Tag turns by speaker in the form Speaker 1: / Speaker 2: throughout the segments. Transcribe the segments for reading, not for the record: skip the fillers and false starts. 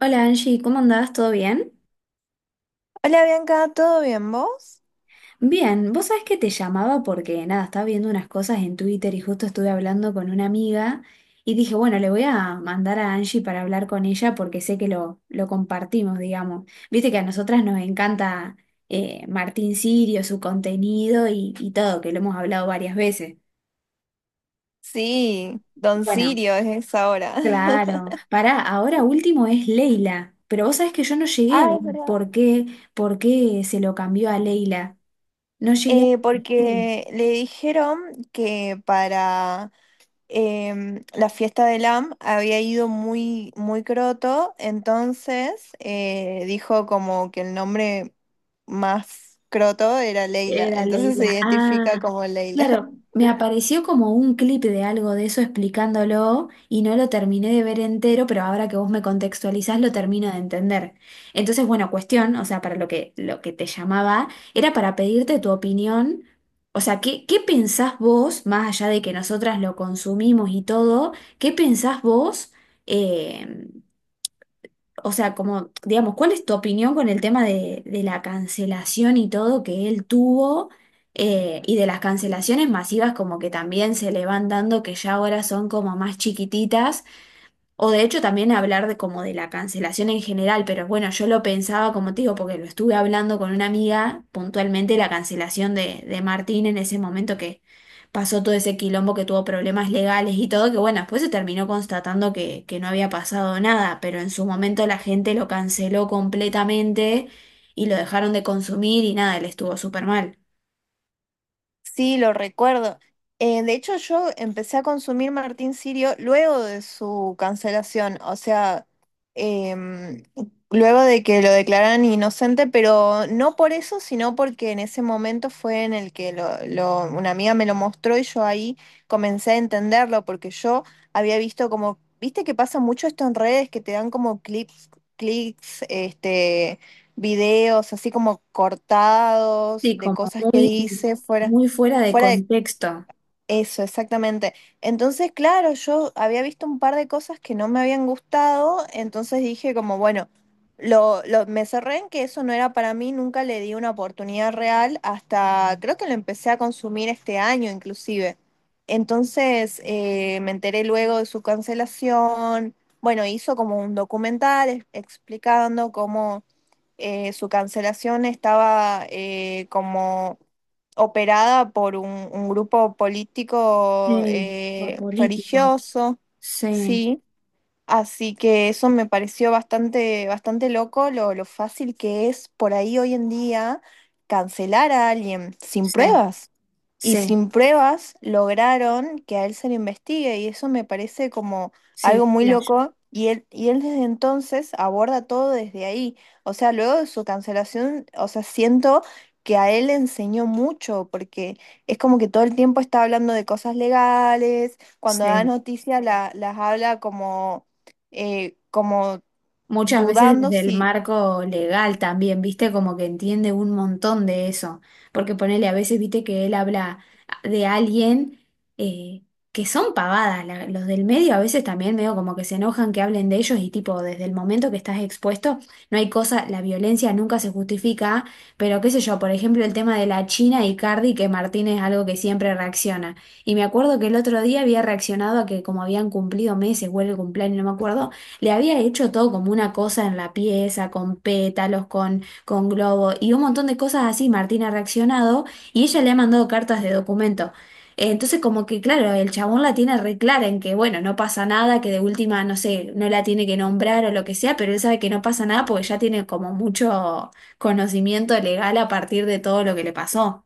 Speaker 1: Hola Angie, ¿cómo andás? ¿Todo bien?
Speaker 2: Hola Bianca, ¿todo bien vos?
Speaker 1: Bien, vos sabés que te llamaba porque nada, estaba viendo unas cosas en Twitter y justo estuve hablando con una amiga y dije, bueno, le voy a mandar a Angie para hablar con ella porque sé que lo compartimos, digamos. Viste que a nosotras nos encanta Martín Sirio, su contenido y todo, que lo hemos hablado varias veces.
Speaker 2: Sí, Don
Speaker 1: Bueno,
Speaker 2: Sirio es esa hora.
Speaker 1: claro. Pará, ahora último es Leila, pero vos sabés que yo no llegué a
Speaker 2: Ah,
Speaker 1: ver
Speaker 2: es verdad.
Speaker 1: por qué se lo cambió a Leila. No llegué a...
Speaker 2: Porque le dijeron que para la fiesta del AM había ido muy, muy croto, entonces dijo como que el nombre más croto era Leila,
Speaker 1: Era
Speaker 2: entonces se
Speaker 1: Leila. Ah,
Speaker 2: identifica como Leila.
Speaker 1: claro, me apareció como un clip de algo de eso explicándolo y no lo terminé de ver entero, pero ahora que vos me contextualizás lo termino de entender. Entonces, bueno, cuestión, o sea, para lo que te llamaba, era para pedirte tu opinión. O sea, ¿qué, qué pensás vos, más allá de que nosotras lo consumimos y todo, qué pensás vos? eh, o sea, como, digamos, ¿cuál es tu opinión con el tema de la cancelación y todo que él tuvo y de las cancelaciones masivas como que también se le van dando que ya ahora son como más chiquititas? O de hecho también hablar de como de la cancelación en general, pero bueno, yo lo pensaba como te digo, porque lo estuve hablando con una amiga puntualmente la cancelación de Martín en ese momento que pasó todo ese quilombo que tuvo problemas legales y todo, que bueno, después se terminó constatando que no había pasado nada, pero en su momento la gente lo canceló completamente y lo dejaron de consumir y nada, él estuvo súper mal.
Speaker 2: Sí, lo recuerdo. De hecho, yo empecé a consumir Martín Sirio luego de su cancelación, o sea, em, luego de que lo declararan inocente, pero no por eso, sino porque en ese momento fue en el que una amiga me lo mostró y yo ahí comencé a entenderlo, porque yo había visto como, viste que pasa mucho esto en redes, que te dan como clips, clics, este... videos así como cortados
Speaker 1: Sí,
Speaker 2: de
Speaker 1: como
Speaker 2: cosas que
Speaker 1: muy,
Speaker 2: dice fuera.
Speaker 1: muy fuera de
Speaker 2: Fuera de
Speaker 1: contexto.
Speaker 2: eso, exactamente. Entonces, claro, yo había visto un par de cosas que no me habían gustado, entonces dije como, bueno, me cerré en que eso no era para mí, nunca le di una oportunidad real, hasta creo que lo empecé a consumir este año inclusive. Entonces, me enteré luego de su cancelación. Bueno, hizo como un documental explicando cómo su cancelación estaba como operada por un grupo político
Speaker 1: Sí, por político.
Speaker 2: religioso,
Speaker 1: Sí,
Speaker 2: sí. Así que eso me pareció bastante, bastante loco, lo fácil que es por ahí hoy en día cancelar a alguien sin
Speaker 1: sí.
Speaker 2: pruebas. Y
Speaker 1: Sí,
Speaker 2: sin pruebas lograron que a él se le investigue y eso me parece como
Speaker 1: sí, un
Speaker 2: algo muy
Speaker 1: flash.
Speaker 2: loco. Y él desde entonces aborda todo desde ahí. O sea, luego de su cancelación, o sea, siento que a él le enseñó mucho porque es como que todo el tiempo está hablando de cosas legales, cuando da
Speaker 1: Sí,
Speaker 2: noticias las habla como, como
Speaker 1: muchas veces
Speaker 2: dudando
Speaker 1: desde el
Speaker 2: si...
Speaker 1: marco legal también, viste, como que entiende un montón de eso, porque ponele a veces, viste, que él habla de alguien eh, que son pavadas, los del medio a veces también medio como que se enojan que hablen de ellos y tipo, desde el momento que estás expuesto, no hay cosa, la violencia nunca se justifica, pero qué sé yo, por ejemplo, el tema de la China y Cardi, que Martín es algo que siempre reacciona. Y me acuerdo que el otro día había reaccionado a que como habían cumplido meses o el cumpleaños, no me acuerdo. Le había hecho todo como una cosa en la pieza, con pétalos, con globo y un montón de cosas así. Martín ha reaccionado y ella le ha mandado cartas de documento. Entonces, como que claro, el chabón la tiene re clara en que, bueno, no pasa nada, que de última, no sé, no la tiene que nombrar o lo que sea, pero él sabe que no pasa nada porque ya tiene como mucho conocimiento legal a partir de todo lo que le pasó.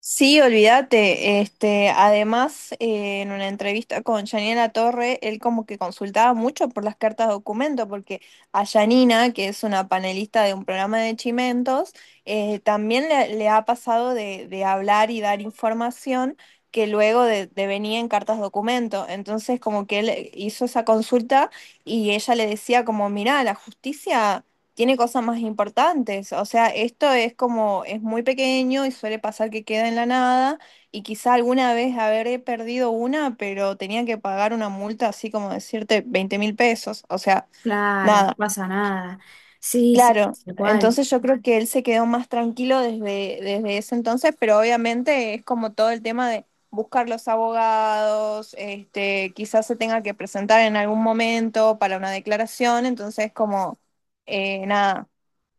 Speaker 2: Sí, olvídate. Este, además, en una entrevista con Yanina Torre, él como que consultaba mucho por las cartas de documento, porque a Yanina, que es una panelista de un programa de Chimentos, también le ha pasado de hablar y dar información que luego de venía en cartas de documento. Entonces, como que él hizo esa consulta y ella le decía como, mirá, la justicia tiene cosas más importantes. O sea, esto es como, es muy pequeño y suele pasar que queda en la nada y quizá alguna vez habré perdido una, pero tenía que pagar una multa así como decirte 20 mil pesos. O sea,
Speaker 1: Claro, no
Speaker 2: nada.
Speaker 1: pasa nada. Sí, sí,
Speaker 2: Claro,
Speaker 1: igual.
Speaker 2: entonces yo creo que él se quedó más tranquilo desde, desde ese entonces, pero obviamente es como todo el tema de buscar los abogados, este, quizás se tenga que presentar en algún momento para una declaración, entonces como nada,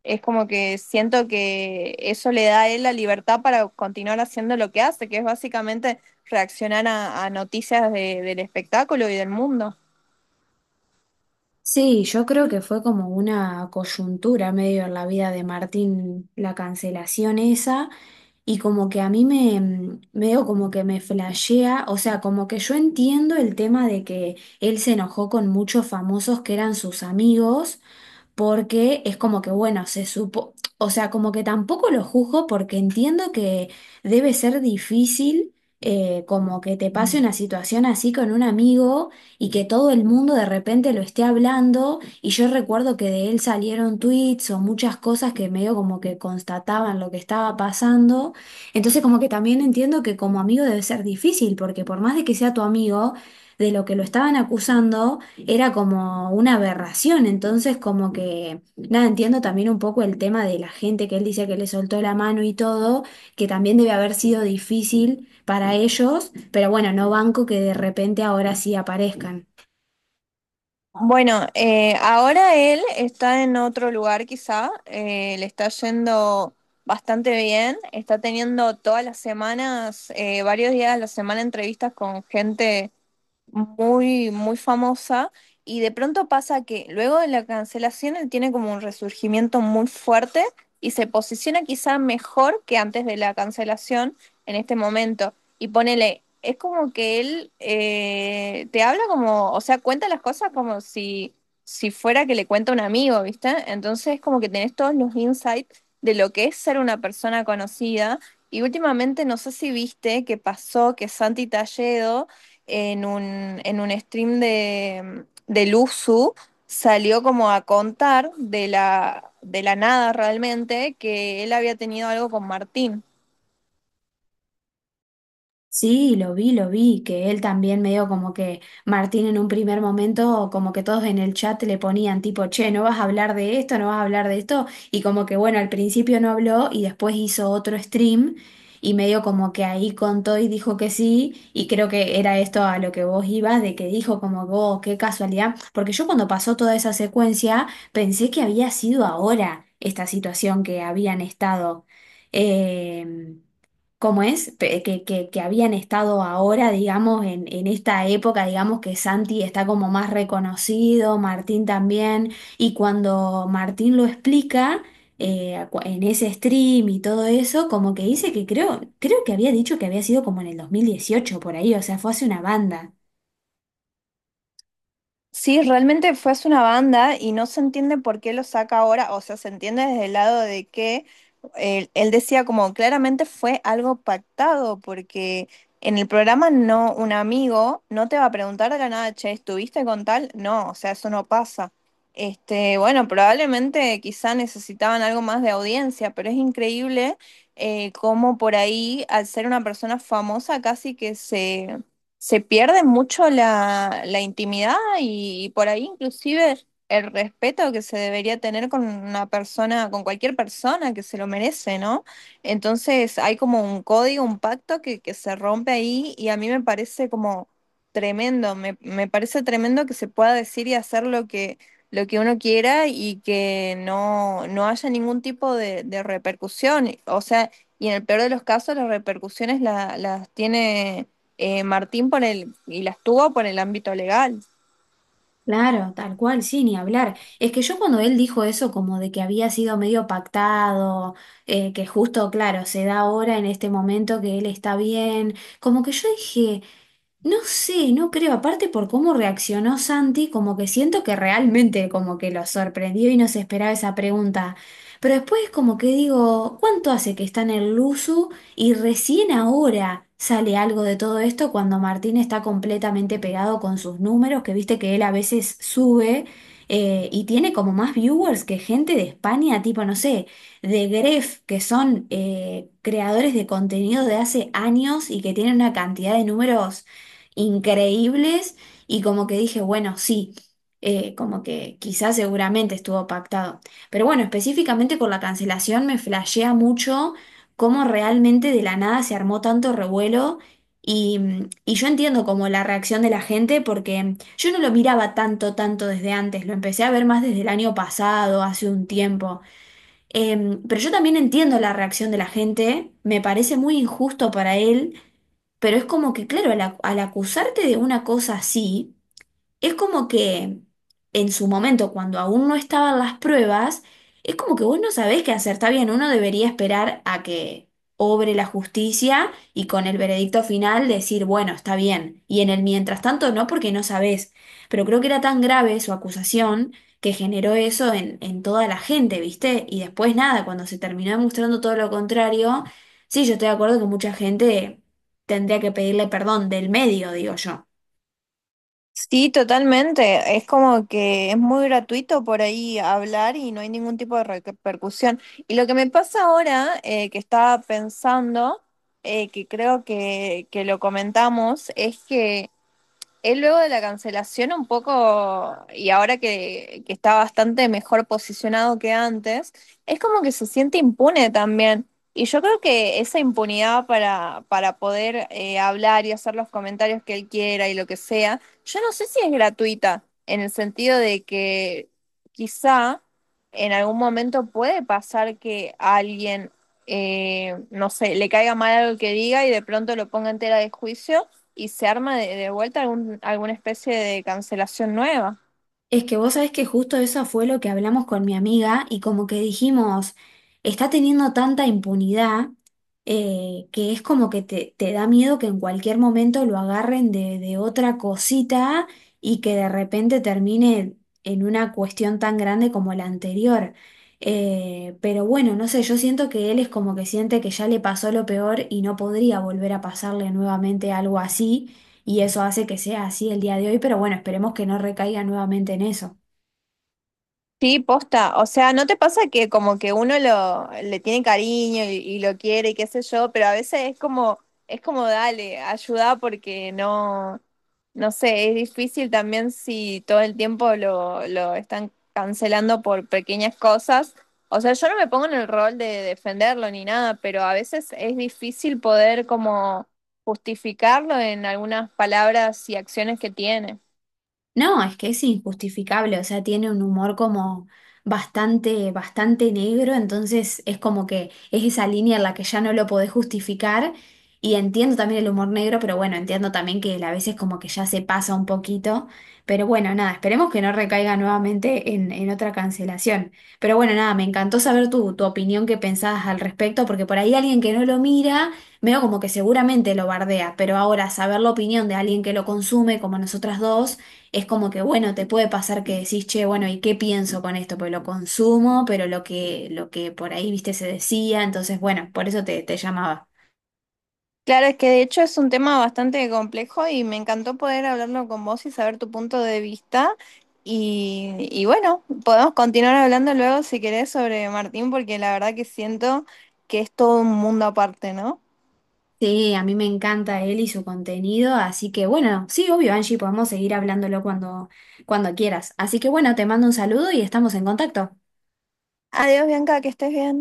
Speaker 2: es como que siento que eso le da a él la libertad para continuar haciendo lo que hace, que es básicamente reaccionar a noticias de, del espectáculo y del mundo.
Speaker 1: Sí, yo creo que fue como una coyuntura medio en la vida de Martín, la cancelación esa, y como que a mí me, medio como que me flashea, o sea, como que yo entiendo el tema de que él se enojó con muchos famosos que eran sus amigos, porque es como que, bueno, se supo, o sea, como que tampoco lo juzgo porque entiendo que debe ser difícil como que te pase una situación así con un amigo y que todo el mundo de repente lo esté hablando y yo recuerdo que de él salieron tweets o muchas cosas que medio como que constataban lo que estaba pasando, entonces como que también entiendo que como amigo debe ser difícil porque por más de que sea tu amigo, de lo que lo estaban acusando, era como una aberración, entonces como que, nada, entiendo también un poco el tema de la gente que él dice que le soltó la mano y todo, que también debe haber sido difícil para ellos, pero bueno, no banco que de repente ahora sí aparezcan.
Speaker 2: Bueno, ahora él está en otro lugar quizá, le está yendo bastante bien, está teniendo todas las semanas, varios días a la semana entrevistas con gente muy, muy famosa y de pronto pasa que luego de la cancelación él tiene como un resurgimiento muy fuerte y se posiciona quizá mejor que antes de la cancelación en este momento. Y ponele, es como que él te habla como, o sea, cuenta las cosas como si, si fuera que le cuenta un amigo, ¿viste? Entonces como que tenés todos los insights de lo que es ser una persona conocida. Y últimamente no sé si viste que pasó que Santi Talledo en un stream de USU salió como a contar de la nada realmente que él había tenido algo con Martín.
Speaker 1: Sí, lo vi, que él también medio como que Martín en un primer momento, como que todos en el chat le ponían tipo, che, no vas a hablar de esto, no vas a hablar de esto, y como que bueno, al principio no habló y después hizo otro stream y medio como que ahí contó y dijo que sí, y creo que era esto a lo que vos ibas, de que dijo como vos, qué casualidad, porque yo cuando pasó toda esa secuencia pensé que había sido ahora esta situación que habían estado. em, Cómo es, que habían estado ahora, digamos, en esta época, digamos que Santi está como más reconocido, Martín también, y cuando Martín lo explica en ese stream y todo eso, como que dice que creo que había dicho que había sido como en el 2018 por ahí, o sea, fue hace una banda.
Speaker 2: Sí, realmente fue hace una banda y no se entiende por qué lo saca ahora, o sea, se entiende desde el lado de que él decía como claramente fue algo pactado, porque en el programa no, un amigo no te va a preguntar de la nada, che, ¿estuviste con tal? No, o sea, eso no pasa. Este, bueno, probablemente quizá necesitaban algo más de audiencia, pero es increíble cómo por ahí, al ser una persona famosa, casi que se pierde mucho la, la intimidad y por ahí inclusive el respeto que se debería tener con una persona, con cualquier persona que se lo merece, ¿no? Entonces hay como un código, un pacto que se rompe ahí y a mí me parece como tremendo, me parece tremendo que se pueda decir y hacer lo que uno quiera y que no, no haya ningún tipo de repercusión. O sea, y en el peor de los casos las repercusiones las tiene Martín y las tuvo por el ámbito legal.
Speaker 1: Claro, tal cual, sí, ni hablar. Es que yo cuando él dijo eso, como de que había sido medio pactado, que justo, claro, se da ahora en este momento que él está bien, como que yo dije, no sé, no creo, aparte por cómo reaccionó Santi, como que siento que realmente como que lo sorprendió y no se esperaba esa pregunta. Pero después como que digo, ¿cuánto hace que está en el Luzu y recién ahora sale algo de todo esto cuando Martín está completamente pegado con sus números, que viste que él a veces sube y tiene como más viewers que gente de España, tipo, no sé de Gref, que son creadores de contenido de hace años y que tienen una cantidad de números increíbles y como que dije, bueno, sí, como que quizás seguramente estuvo pactado. Pero bueno, específicamente con la cancelación me flashea mucho cómo realmente de la nada se armó tanto revuelo y, y yo entiendo como la reacción de la gente porque yo no lo miraba tanto, tanto desde antes, lo empecé a ver más desde el año pasado, hace un tiempo. Pero yo también entiendo la reacción de la gente, me parece muy injusto para él pero es como que, claro, al, al acusarte de una cosa así, es como que en su momento, cuando aún no estaban las pruebas, es como que vos no sabés qué hacer. Está bien, uno debería esperar a que obre la justicia y con el veredicto final decir, bueno, está bien. Y en el mientras tanto no, porque no sabés. Pero creo que era tan grave su acusación que generó eso en toda la gente, ¿viste? Y después nada, cuando se terminó demostrando todo lo contrario, sí, yo estoy de acuerdo que mucha gente tendría que pedirle perdón del medio, digo yo.
Speaker 2: Sí, totalmente. Es como que es muy gratuito por ahí hablar y no hay ningún tipo de repercusión. Y lo que me pasa ahora, que estaba pensando, que creo que lo comentamos, es que él luego de la cancelación un poco, y ahora que está bastante mejor posicionado que antes, es como que se siente impune también. Y yo creo que esa impunidad para poder hablar y hacer los comentarios que él quiera y lo que sea, yo no sé si es gratuita, en el sentido de que quizá en algún momento puede pasar que a alguien, no sé, le caiga mal algo que diga y de pronto lo ponga en tela de juicio y se arma de vuelta algún, alguna especie de cancelación nueva.
Speaker 1: Es que vos sabés que justo eso fue lo que hablamos con mi amiga y como que dijimos, está teniendo tanta impunidad que es como que te da miedo que en cualquier momento lo agarren de otra cosita y que de repente termine en una cuestión tan grande como la anterior. Pero bueno, no sé, yo siento que él es como que siente que ya le pasó lo peor y no podría volver a pasarle nuevamente algo así y eso hace que sea así el día de hoy, pero bueno, esperemos que no recaiga nuevamente en eso.
Speaker 2: Sí, posta. O sea, ¿no te pasa que como que uno lo le tiene cariño y lo quiere y qué sé yo, pero a veces es como dale, ayuda porque no, no sé, es difícil también si todo el tiempo lo están cancelando por pequeñas cosas. O sea, yo no me pongo en el rol de defenderlo ni nada, pero a veces es difícil poder como justificarlo en algunas palabras y acciones que tiene.
Speaker 1: No, es que es injustificable, o sea, tiene un humor como bastante, bastante negro, entonces es como que es esa línea en la que ya no lo podés justificar y entiendo también el humor negro, pero bueno, entiendo también que a veces como que ya se pasa un poquito, pero bueno, nada, esperemos que no recaiga nuevamente en otra cancelación. Pero bueno, nada, me encantó saber tu opinión, qué pensabas al respecto, porque por ahí alguien que no lo mira... Veo como que seguramente lo bardea, pero ahora saber la opinión de alguien que lo consume, como nosotras dos, es como que, bueno, te puede pasar que decís, che, bueno, ¿y qué pienso con esto? Pues lo consumo, pero lo que por ahí, viste, se decía, entonces, bueno, por eso te llamaba.
Speaker 2: Claro, es que de hecho es un tema bastante complejo y me encantó poder hablarlo con vos y saber tu punto de vista. Y bueno, podemos continuar hablando luego si querés sobre Martín, porque la verdad que siento que es todo un mundo aparte, ¿no?
Speaker 1: Sí, a mí me encanta él y su contenido, así que, bueno, sí, obvio, Angie, podemos seguir hablándolo cuando, cuando quieras. Así que, bueno, te mando un saludo y estamos en contacto.
Speaker 2: Adiós, Bianca, que estés bien.